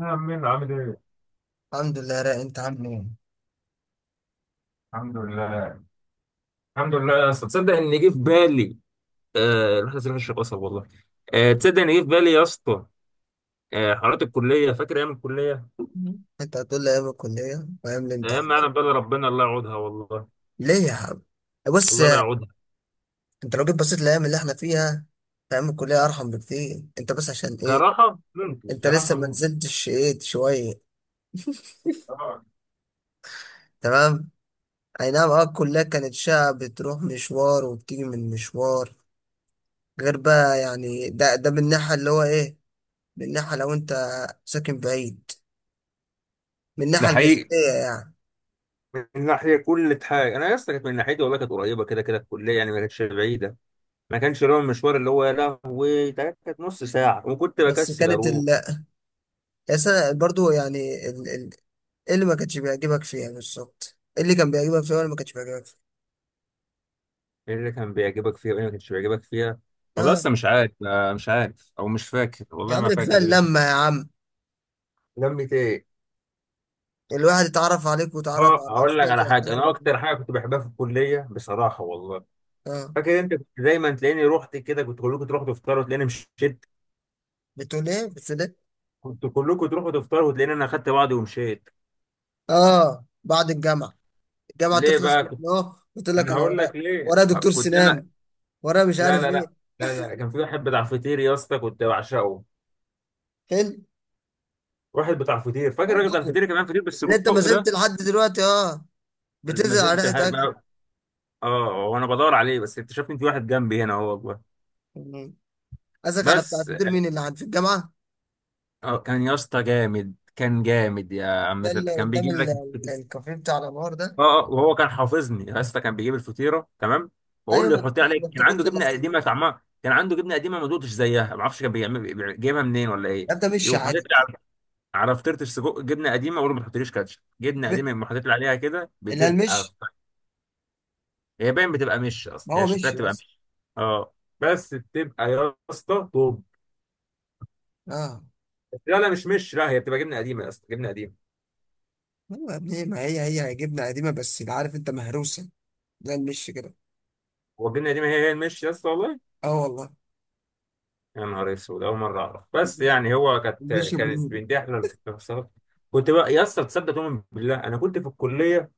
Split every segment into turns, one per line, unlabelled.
يا عمين، عامل ايه؟
الحمد لله يا رايق، انت عامل ايه؟
الحمد لله. الحمد لله يا اسطى، تصدق ان جه في بالي. آه، رحله سينا الشيخ قصب والله. آه تصدق ان جه في بالي يا اسطى. آه، حوارات الكليه، فاكر ايام الكليه.
مم. انت هتقول لي ايام الكليه وايام
ايام ما انا
الامتحانات
بقى، ربنا الله يعودها والله.
ليه يا حبيبي؟ بص،
الله لا يعودها.
انت لو جيت بصيت الايام اللي احنا فيها، في ايام الكليه ارحم بكتير. انت بس عشان ايه؟
كراحه ممكن،
انت لسه
كراحه
ما
ممكن.
نزلتش ايه شويه؟
طبعا.
تمام؟ اي نعم. اه الكليه كانت شقه، بتروح مشوار وبتيجي من مشوار، غير بقى يعني ده من الناحيه اللي هو ايه؟ من الناحيه لو انت ساكن بعيد، من
ده
الناحيه
حقيقي.
الجسديه يعني.
من ناحيه كل حاجه انا يا اسطى، كانت من ناحيتي والله كانت قريبه، كده كده الكليه يعني ما كانتش بعيده. ما كانش اللي هو المشوار اللي هو يا لهوي، ده كانت نص ساعه وكنت
بس
بكسل
كانت
اروح.
ال بس أنا برضو يعني ايه اللي ما كانش بيعجبك فيها بالظبط؟ ايه اللي كان بيعجبك فيها واللي ما كانش بيعجبك فيها؟
ايه اللي كان بيعجبك فيها وايه اللي ما كانش بيعجبك فيها؟ والله
اه.
لسه مش عارف، مش عارف او مش فاكر
يا
والله،
عم
ما
ده كفايه
فاكر
اللمه يا عم،
لمة ايه؟
الواحد اتعرف عليك وتعرف
اه،
على
هقول لك
اشكال زي
على حاجه. انا
هذا.
اكتر حاجه كنت بحبها في الكليه بصراحه والله،
اه.
فاكر انت كنت دايما تلاقيني رحت كده، كنت كلكم تروحوا تفطروا وتلاقيني مشيت.
بتقول ايه؟ بتقول ايه؟
كنت كلكم تروحوا تفطروا وتلاقيني انا خدت بعضي ومشيت.
اه، بعد الجامعه، الجامعه
ليه
تخلص
بقى
من
كنت
اه، قلت لك
انا؟
انا
هقول
ورا،
لك ليه.
ورا دكتور
كنت انا
سنان، ورا مش
لا
عارف
لا لا.
ايه.
لا لا كان في واحد بتاع فطير يا اسطى كنت بعشقه.
حلو.
واحد بتاع فطير، فاكر الراجل بتاع
عندكم
الفطير؟ كمان فطير
اللي انت ما
بالسجق
زلت
ده.
لحد دلوقتي اه
ما
بتنزل على
زلت
ريحه
لحد
اكل.
اه، وانا بدور عليه، بس اكتشفت ان في واحد جنبي هنا هو جوه.
مم. قصدك على بتاع
بس
الفطير، مين اللي عند في الجامعه؟
اه كان يا اسطى جامد، كان جامد يا عم
ده اللي
سيد، كان
قدام
بيجيب لك الفطير.
الكافيه بتاع الانوار ده؟
اه اه، وهو كان حافظني يا اسطى، كان بيجيب الفطيره تمام. بقول
ايوه ما
له
انت
حط
كنت ما
عليك، كان عنده
بتاكلش الا
جبنه
فطير
قديمه طعمها، كان عنده جبنه قديمه ما دقتش زيها، ما اعرفش كان بيعمل جايبها منين ولا ايه.
يا ابني، مشي
يقوم حاطط
عادي.
لي على على فطيره السجق جبنه قديمه، اقول له ما تحطليش كاتشب
يا
جبنه
ابني،
قديمه، يقوم حاطط لي عليها كده،
اللي
بتبقى
المشي،
هي باين بتبقى مش، اصلا
ما هو
هي شكلها
مشي
بتبقى
بس.
مش. اه، بس بتبقى يا اسطى طب،
اه،
لا لا مش لا، هي بتبقى جبنه قديمه اصلا، جبنه قديمه.
هو يا ابني ما هي هي جبنه قديمه، بس اللي عارف انت مهروسه، ده المشي كده.
هو الجبنه القديمه هي هي المش يا اسطى والله.
اه والله.
يا نهار اسود، اول مره اعرف، بس
المشي،
يعني هو كانت
المشي
كانت
برودة.
بنتي احلى الفصلات. كنت بقى يا اسطى تصدق، تؤمن بالله، انا كنت في الكليه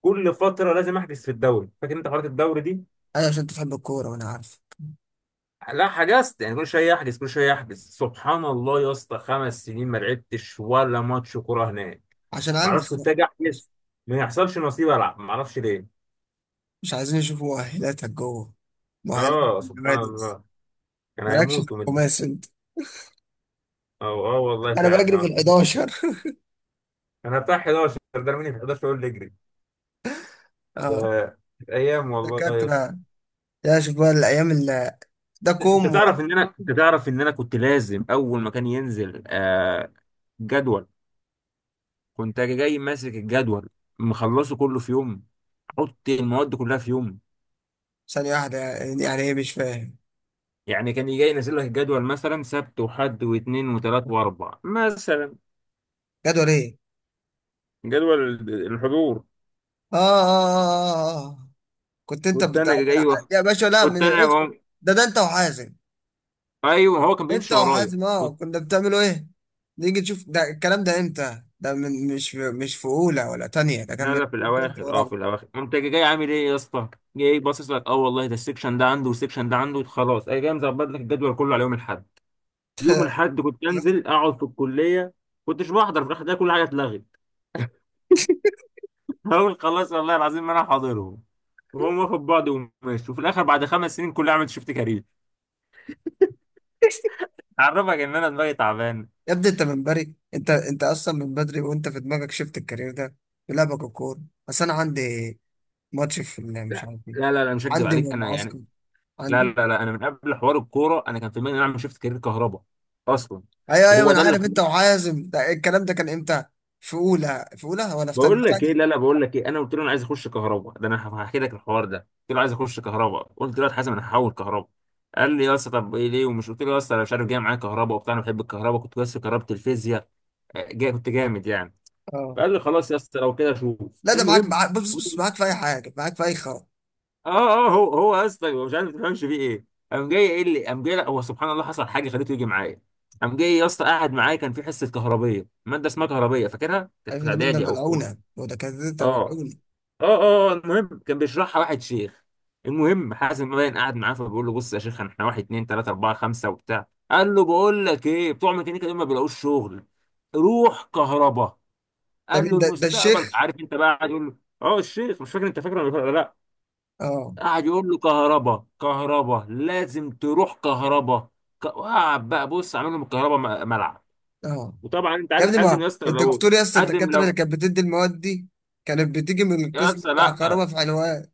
كل فتره لازم احجز في الدوري، فاكر انت قرات الدوري دي؟
ايوه عشان تحب الكوره وانا عارف.
لا، حجزت يعني كل شويه احجز، كل شويه احجز، سبحان الله يا اسطى، خمس سنين ما لعبتش ولا ماتش كوره هناك.
عشان
ما اعرفش،
البس بقى.
كنت اجي
مش
احجز ما يحصلش نصيب العب، ما اعرفش ليه.
مش عايزين يشوفوا مؤهلاتك جوه، مؤهلاتك
اه
في
سبحان
النوادي بس.
الله. كان
مالكش في
هيموت ومتضايق.
الخماس انت؟
اه اه والله
انا
فعلا.
بجري في ال
آه.
11.
انا بتاع 11، ده مني في 11 يقول لي اجري.
اه
كانت ايام والله يا اسطى.
دكاتره. يا شوف بقى الايام اللي، ده كوم.
انت تعرف ان انا كنت لازم اول ما كان ينزل جدول، كنت اجي جاي ماسك الجدول، مخلصه كله في يوم، احط المواد كلها في يوم.
ثانية واحدة، يعني يعني ايه؟ مش فاهم.
يعني كان يجي ينزل لك الجدول مثلا سبت وحد واثنين وثلاث واربع مثلا.
جدول ايه؟
جدول الحضور.
آه، آه, آه, آه, آه آه. كنت انت
كنت
بتاع،
انا جاي واخ-
يا باشا لا
كنت
من
انا
الاسم،
و-
ده انت وحازم.
ايوه هو كان
انت
بيمشي ورايا.
وحازم، اه كنا بتعملوا ايه؟ نيجي نشوف ده الكلام ده امتى؟ ده من، مش في اولى ولا تانية؟ ده كان
لا
من،
لا، في
انت
الاواخر، اه في
ورابعة.
الاواخر. انت جاي عامل ايه يا اسطى؟ جاي باصص لك، اه والله ده السكشن ده عنده والسكشن ده عنده خلاص، اي جاي مظبط لك الجدول كله على يوم الاحد. يوم الاحد كنت انزل اقعد في الكليه. كنتش بحضر في الاخر ده، كل حاجه اتلغت. اقول خلاص والله العظيم ما انا حاضرهم، وهم واخد بعض وماشي، وفي الاخر بعد خمس سنين كلها عملت شفت كارير. اعرفك ان انا دماغي تعبان.
يا ابني انت من بري، انت انت اصلا من بدري وانت في دماغك شفت الكارير ده، في لعبك الكورة. بس انا عندي ماتش في مش
لا
عارف ايه،
لا لا لا، مش هكدب
عندي
عليك انا يعني.
معسكر،
لا
عندي.
لا لا، انا من قبل حوار الكوره انا كان في دماغي ان انا اعمل شفت كارير كهرباء اصلا.
ايوه ايوه ما
وهو
انا
ده اللي
عارف، انت وحازم ده الكلام ده كان امتى؟ في اولى؟ في اولى ولا في تانية؟
بقول
في
لك ايه. لا
تانية.
لا، بقول لك ايه، انا قلت له انا عايز اخش كهرباء، ده انا هحكي لك الحوار ده. قلت له عايز اخش كهرباء، قلت له يا حازم انا هحول كهرباء. قال لي يا اسطى طب ايه ليه؟ ومش قلت له يا اسطى انا مش عارف، جاي معايا كهرباء وبتاع، انا بحب الكهرباء، كنت بس في كهرباء الفيزياء جاي كنت جامد يعني.
اه.
فقال لي خلاص يا اسطى لو كده شوف،
لا ده معاك،
المهم
معاك، بص بص، معاك في اي حاجه، معاك في اي خرا.
اه اه. هو هو يا اسطى، هو مش عارف ما تفهمش فيه ايه. قام جاي، لا هو سبحان الله حصل حاجه خليته يجي معايا. قام جاي يا اسطى قاعد معايا، كان في حصه كهربيه، ماده اسمها كهربيه، فاكرها كانت
عارف
في
ده ده
اعدادي او في أولى.
ملعونه، وده كده ده
اه
ملعونه.
اه اه، المهم كان بيشرحها واحد شيخ. المهم حازم باين قاعد معاه، فبيقول له بص يا شيخ احنا واحد اتنين تلاته اربعه خمسه وبتاع، قال له بقول لك ايه، بتوع ميكانيكا دول ما بيلاقوش شغل، روح كهرباء.
ده
قال
مين
له
ده؟ ده الشيخ؟
المستقبل، عارف انت بقى قاعد يقول له. اه الشيخ، مش فاكر انت فاكره ولا لا.
اه.
قاعد يقول له كهرباء كهرباء، لازم تروح كهرباء. وقعد بقى بص عامل لهم الكهرباء ملعب.
اه
وطبعا انت
يا
عارف
ابني،
حازم
ما
يا اسطى، لو
الدكتور يا اسطى
حازم
الدكاتره اللي
لو،
كانت بتدي المواد دي كانت بتيجي من
يا
القسم
اسطى
بتاع
لا،
كهرباء في حلوان.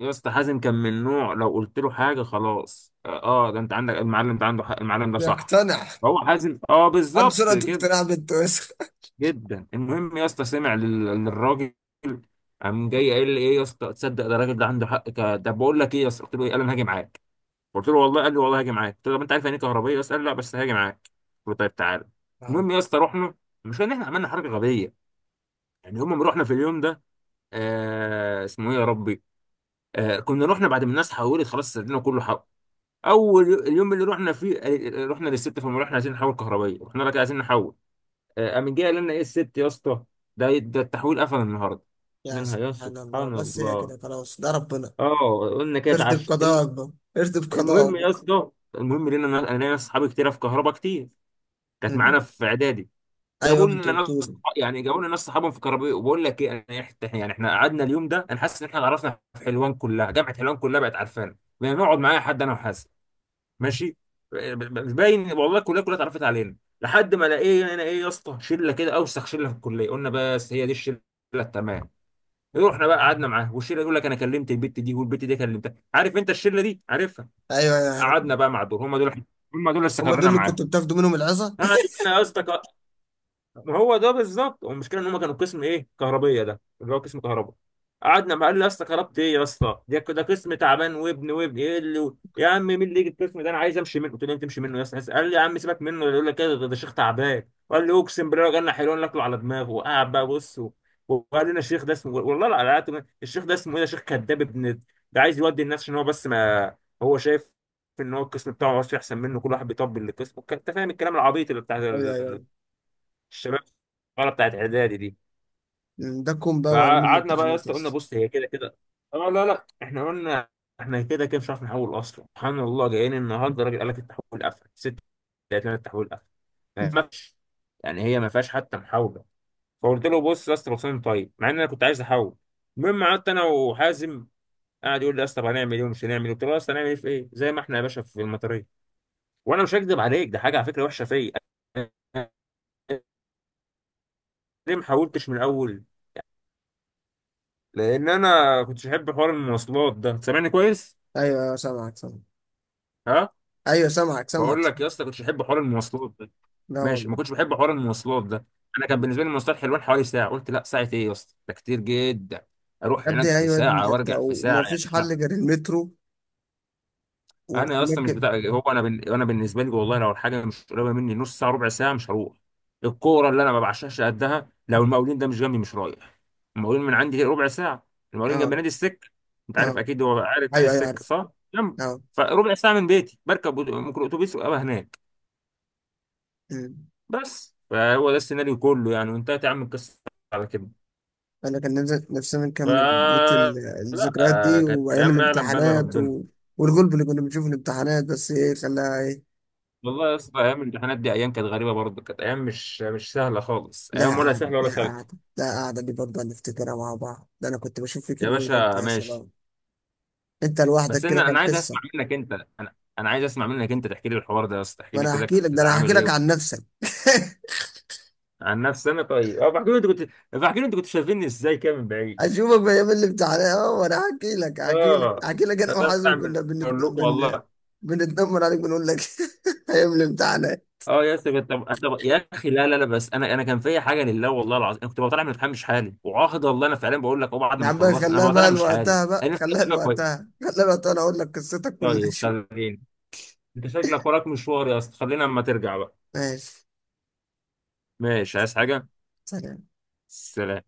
يا اسطى حازم كان من نوع لو قلت له حاجه خلاص، اه ده انت عندك المعلم ده عنده حق، المعلم ده صح.
بيقتنع.
هو حازم اه
عنده
بالظبط
سرعه
كده،
اقتناع بنت وسخ.
جدا. المهم يا اسطى سمع للراجل. قام جاي قال لي ايه يا اسطى، تصدق ده الراجل ده عنده حق ده، بقول لك ايه يا اسطى؟ قلت له ايه؟ قال انا هاجي معاك. قلت له والله؟ قال لي والله هاجي معاك. قلت له طب انت عارف يعني إيه كهربيه يا اسطى؟ قال لي لا بس هاجي معاك. قلت له طيب تعالى.
اه
المهم يا اسطى رحنا، مش ان احنا عملنا حركه غبيه، يعني هم رحنا في اليوم ده، اسمه ايه يا ربي، كنا رحنا بعد ما الناس حولت خلاص، سردنا كله اول اليوم اللي رحنا فيه. رحنا للست، فما رحنا عايزين نحول كهربائيه، رحنا لك عايزين نحول. قام جاي قال لنا ايه الست يا اسطى؟ ده ده التحويل قفل النهارده.
يا
منها يا
سبحان الله،
سبحان
بس هي
الله.
كده خلاص، ده ربنا.
اه قلنا كده
ارضي
اتعشت
بقضاء اكبر. ارضي بقضاء
المهم
اكبر.
يا اسطى. انا ليا اصحابي كتير في كهرباء كتير، كانت معانا في اعدادي.
ايوه
جابوا
ما انت
لنا ناس
قلتولي.
صح- يعني جابوا لنا ناس صحابهم في كهرباء، وبقول لك ايه انا يعني احنا قعدنا اليوم ده انا حاسس ان احنا عرفنا في حلوان كلها، جامعه حلوان كلها بقت عارفانا، بنقعد معايا حد انا وحاسس ماشي، باين والله الكليه كلها اتعرفت علينا. لحد ما لقينا هنا ايه يا اسطى، شله كده اوسخ شله في الكليه، قلنا بس هي دي الشله التمام. رحنا بقى قعدنا معاه والشله، يقول لك انا كلمت البت دي والبت دي كلمتها، عارف انت الشله دي، عارفها.
ايوه ايوه عارف.
قعدنا بقى مع دول، هم دول، هم دول اللي
هما دول
استقرينا
اللي كنت
معاهم.
بتاخدوا منهم العظه؟
قعد بقى يا اسطى، ما هو ده بالظبط، والمشكله ان هم كانوا قسم ايه كهربيه، ده اللي هو قسم كهرباء. قعدنا، ما قال لي يا اسطى كهربت ايه يا اسطى، ده ده قسم تعبان وابن وابن ايه اللي، يا عم مين اللي يجي القسم ده، انا عايز امشي منه. قلت له تمشي منه يا اسطى؟ قال لي يا عم سيبك منه، يقول لك كده، ده ده شيخ تعبان، وقال لي اقسم بالله لو جالنا حلوان ناكله على دماغه. وقعد بقى بص وقال لنا الشيخ ده اسمه والله لا لا لا، الشيخ ده اسمه ايه، ده شيخ كذاب ابن، ده عايز يودي الناس عشان هو بس ما، هو شايف ان هو القسم بتاعه هو احسن منه، كل واحد بيطبل للقسم، انت فاهم الكلام العبيط اللي بتاع
ايوه ايوه ايوه.
الشباب الصغيره بتاعت اعدادي دي.
مم، ده كوم بقى، وعلم
فقعدنا بقى يا
الامتحانات
اسطى، قلنا
بس.
بص هي كده كده، اه لا لا احنا قلنا احنا كده كده مش عارف نحول اصلا، سبحان الله جايين النهارده الراجل قال لك التحويل قفل ست، لقيت لنا التحويل قفل ما فيش، يعني هي ما فيهاش حتى محاوله. فقلت له بص يا اسطى بصين طيب، مع ان انا كنت عايز احول. المهم قعدت انا وحازم، قاعد يقول لي يا اسطى طب هنعمل ايه ومش هنعمل ايه، قلت له يا اسطى هنعمل ايه في ايه، زي ما احنا يا باشا في المطريه. وانا مش هكذب عليك، ده حاجه على فكره وحشه فيا أنا، ليه ما حاولتش من الاول؟ لان انا كنتش احب حوار المواصلات ده، سامعني كويس؟
ايوه ايوه سامعك سامعك.
ها،
ايوه سامعك سامعك
بقول لك
سامعك.
يا اسطى كنتش احب حوار المواصلات ده،
لا
ماشي، ما
والله.
كنتش بحب حوار المواصلات ده. انا كان بالنسبه لي المواصلات حلوان حوالي ساعه، قلت لا، ساعه ايه يا اسطى؟ ده كتير جدا، اروح
يا
هناك
ابني
في
ايوه يا ابني،
ساعه
ده انت
وارجع في ساعه
وما فيش حل
يعني.
غير المترو
انا اصلا مش
وممكن.
بتاع، هو انا انا بالنسبه لي والله لو الحاجه مش قريبه مني نص ساعه ربع ساعه مش هروح. الكوره اللي انا ما بعشقش قدها، لو المقاولين ده مش جنبي مش رايح. المقاولين من عندي ربع ساعه، المقاولين جنب
اه.
نادي السك، انت عارف
اه
اكيد، هو عارف نادي
ايوه ايوه
السك
عارف.
صح، جنب.
اه.
فربع ساعه من بيتي، بركب ممكن اتوبيس وابقى هناك
مم.
بس. فهو ده السيناريو كله يعني، وانتهت يا عم القصه على كده.
انا كان نفسي، نفسنا
ف
نكمل بقية
لا،
الذكريات دي،
كانت
وايام
الايام ما يعلم بها إلا
الامتحانات
ربنا.
و... والغلب اللي كنا بنشوفه في الامتحانات. بس ايه خلاها؟
والله يا اسطى ايام الامتحانات دي ايام كانت غريبه برضه، كانت ايام مش مش سهله خالص،
لا
ايام ولا
قعدة،
سهله ولا
لا
سالكه.
قعدة، لا قعدة دي برضه نفتكرها مع بعض. ده أنا كنت بشوف فيك
يا
الويل أنت،
باشا
يا
ماشي.
سلام. أنت لوحدك
بس
كده
انا
كان
انا عايز
قصة.
اسمع منك انت انا انا عايز اسمع منك انت تحكي لي الحوار ده يا اسطى، تحكي لي
وأنا
كده
هحكي
كنت
لك، ده أنا
بتتعامل
هحكي لك
ايه.
عن نفسك.
عن نفسي انا؟ طيب اه، بحكي لي انت كنت شايفيني ازاي كده من بعيد.
أشوفك في أيام الامتحانات أه. وأنا هحكي لك، هحكي لك،
اه،
هحكي لك. أنا
هطلع
وحازم
من،
كنا
اقول لكم والله.
بنتنمر عليك، بنقول لك. أيام الامتحانات.
اه يا اسطى طب طب يا اخي لا لا لا، بس انا انا كان فيا حاجه لله والله العظيم، انا كنت بطلع من الامتحان مش حالي، وعاهد والله انا فعلا بقول لك اه، بعد
يا
ما
عم بقى
خلصت انا
خلاها
بطلع
بقى
مش حالي،
لوقتها، بقى
انا نفسي
خلاها
أطلع كويس.
لوقتها، خلاها لوقتها. أنا أقول لك قصتك كلها
طيب
شو.
خلينا، انت شكلك وراك مشوار يا اسطى، خلينا اما ترجع بقى.
ماشي.
ماشي، عايز حاجة؟
سلام.
سلام.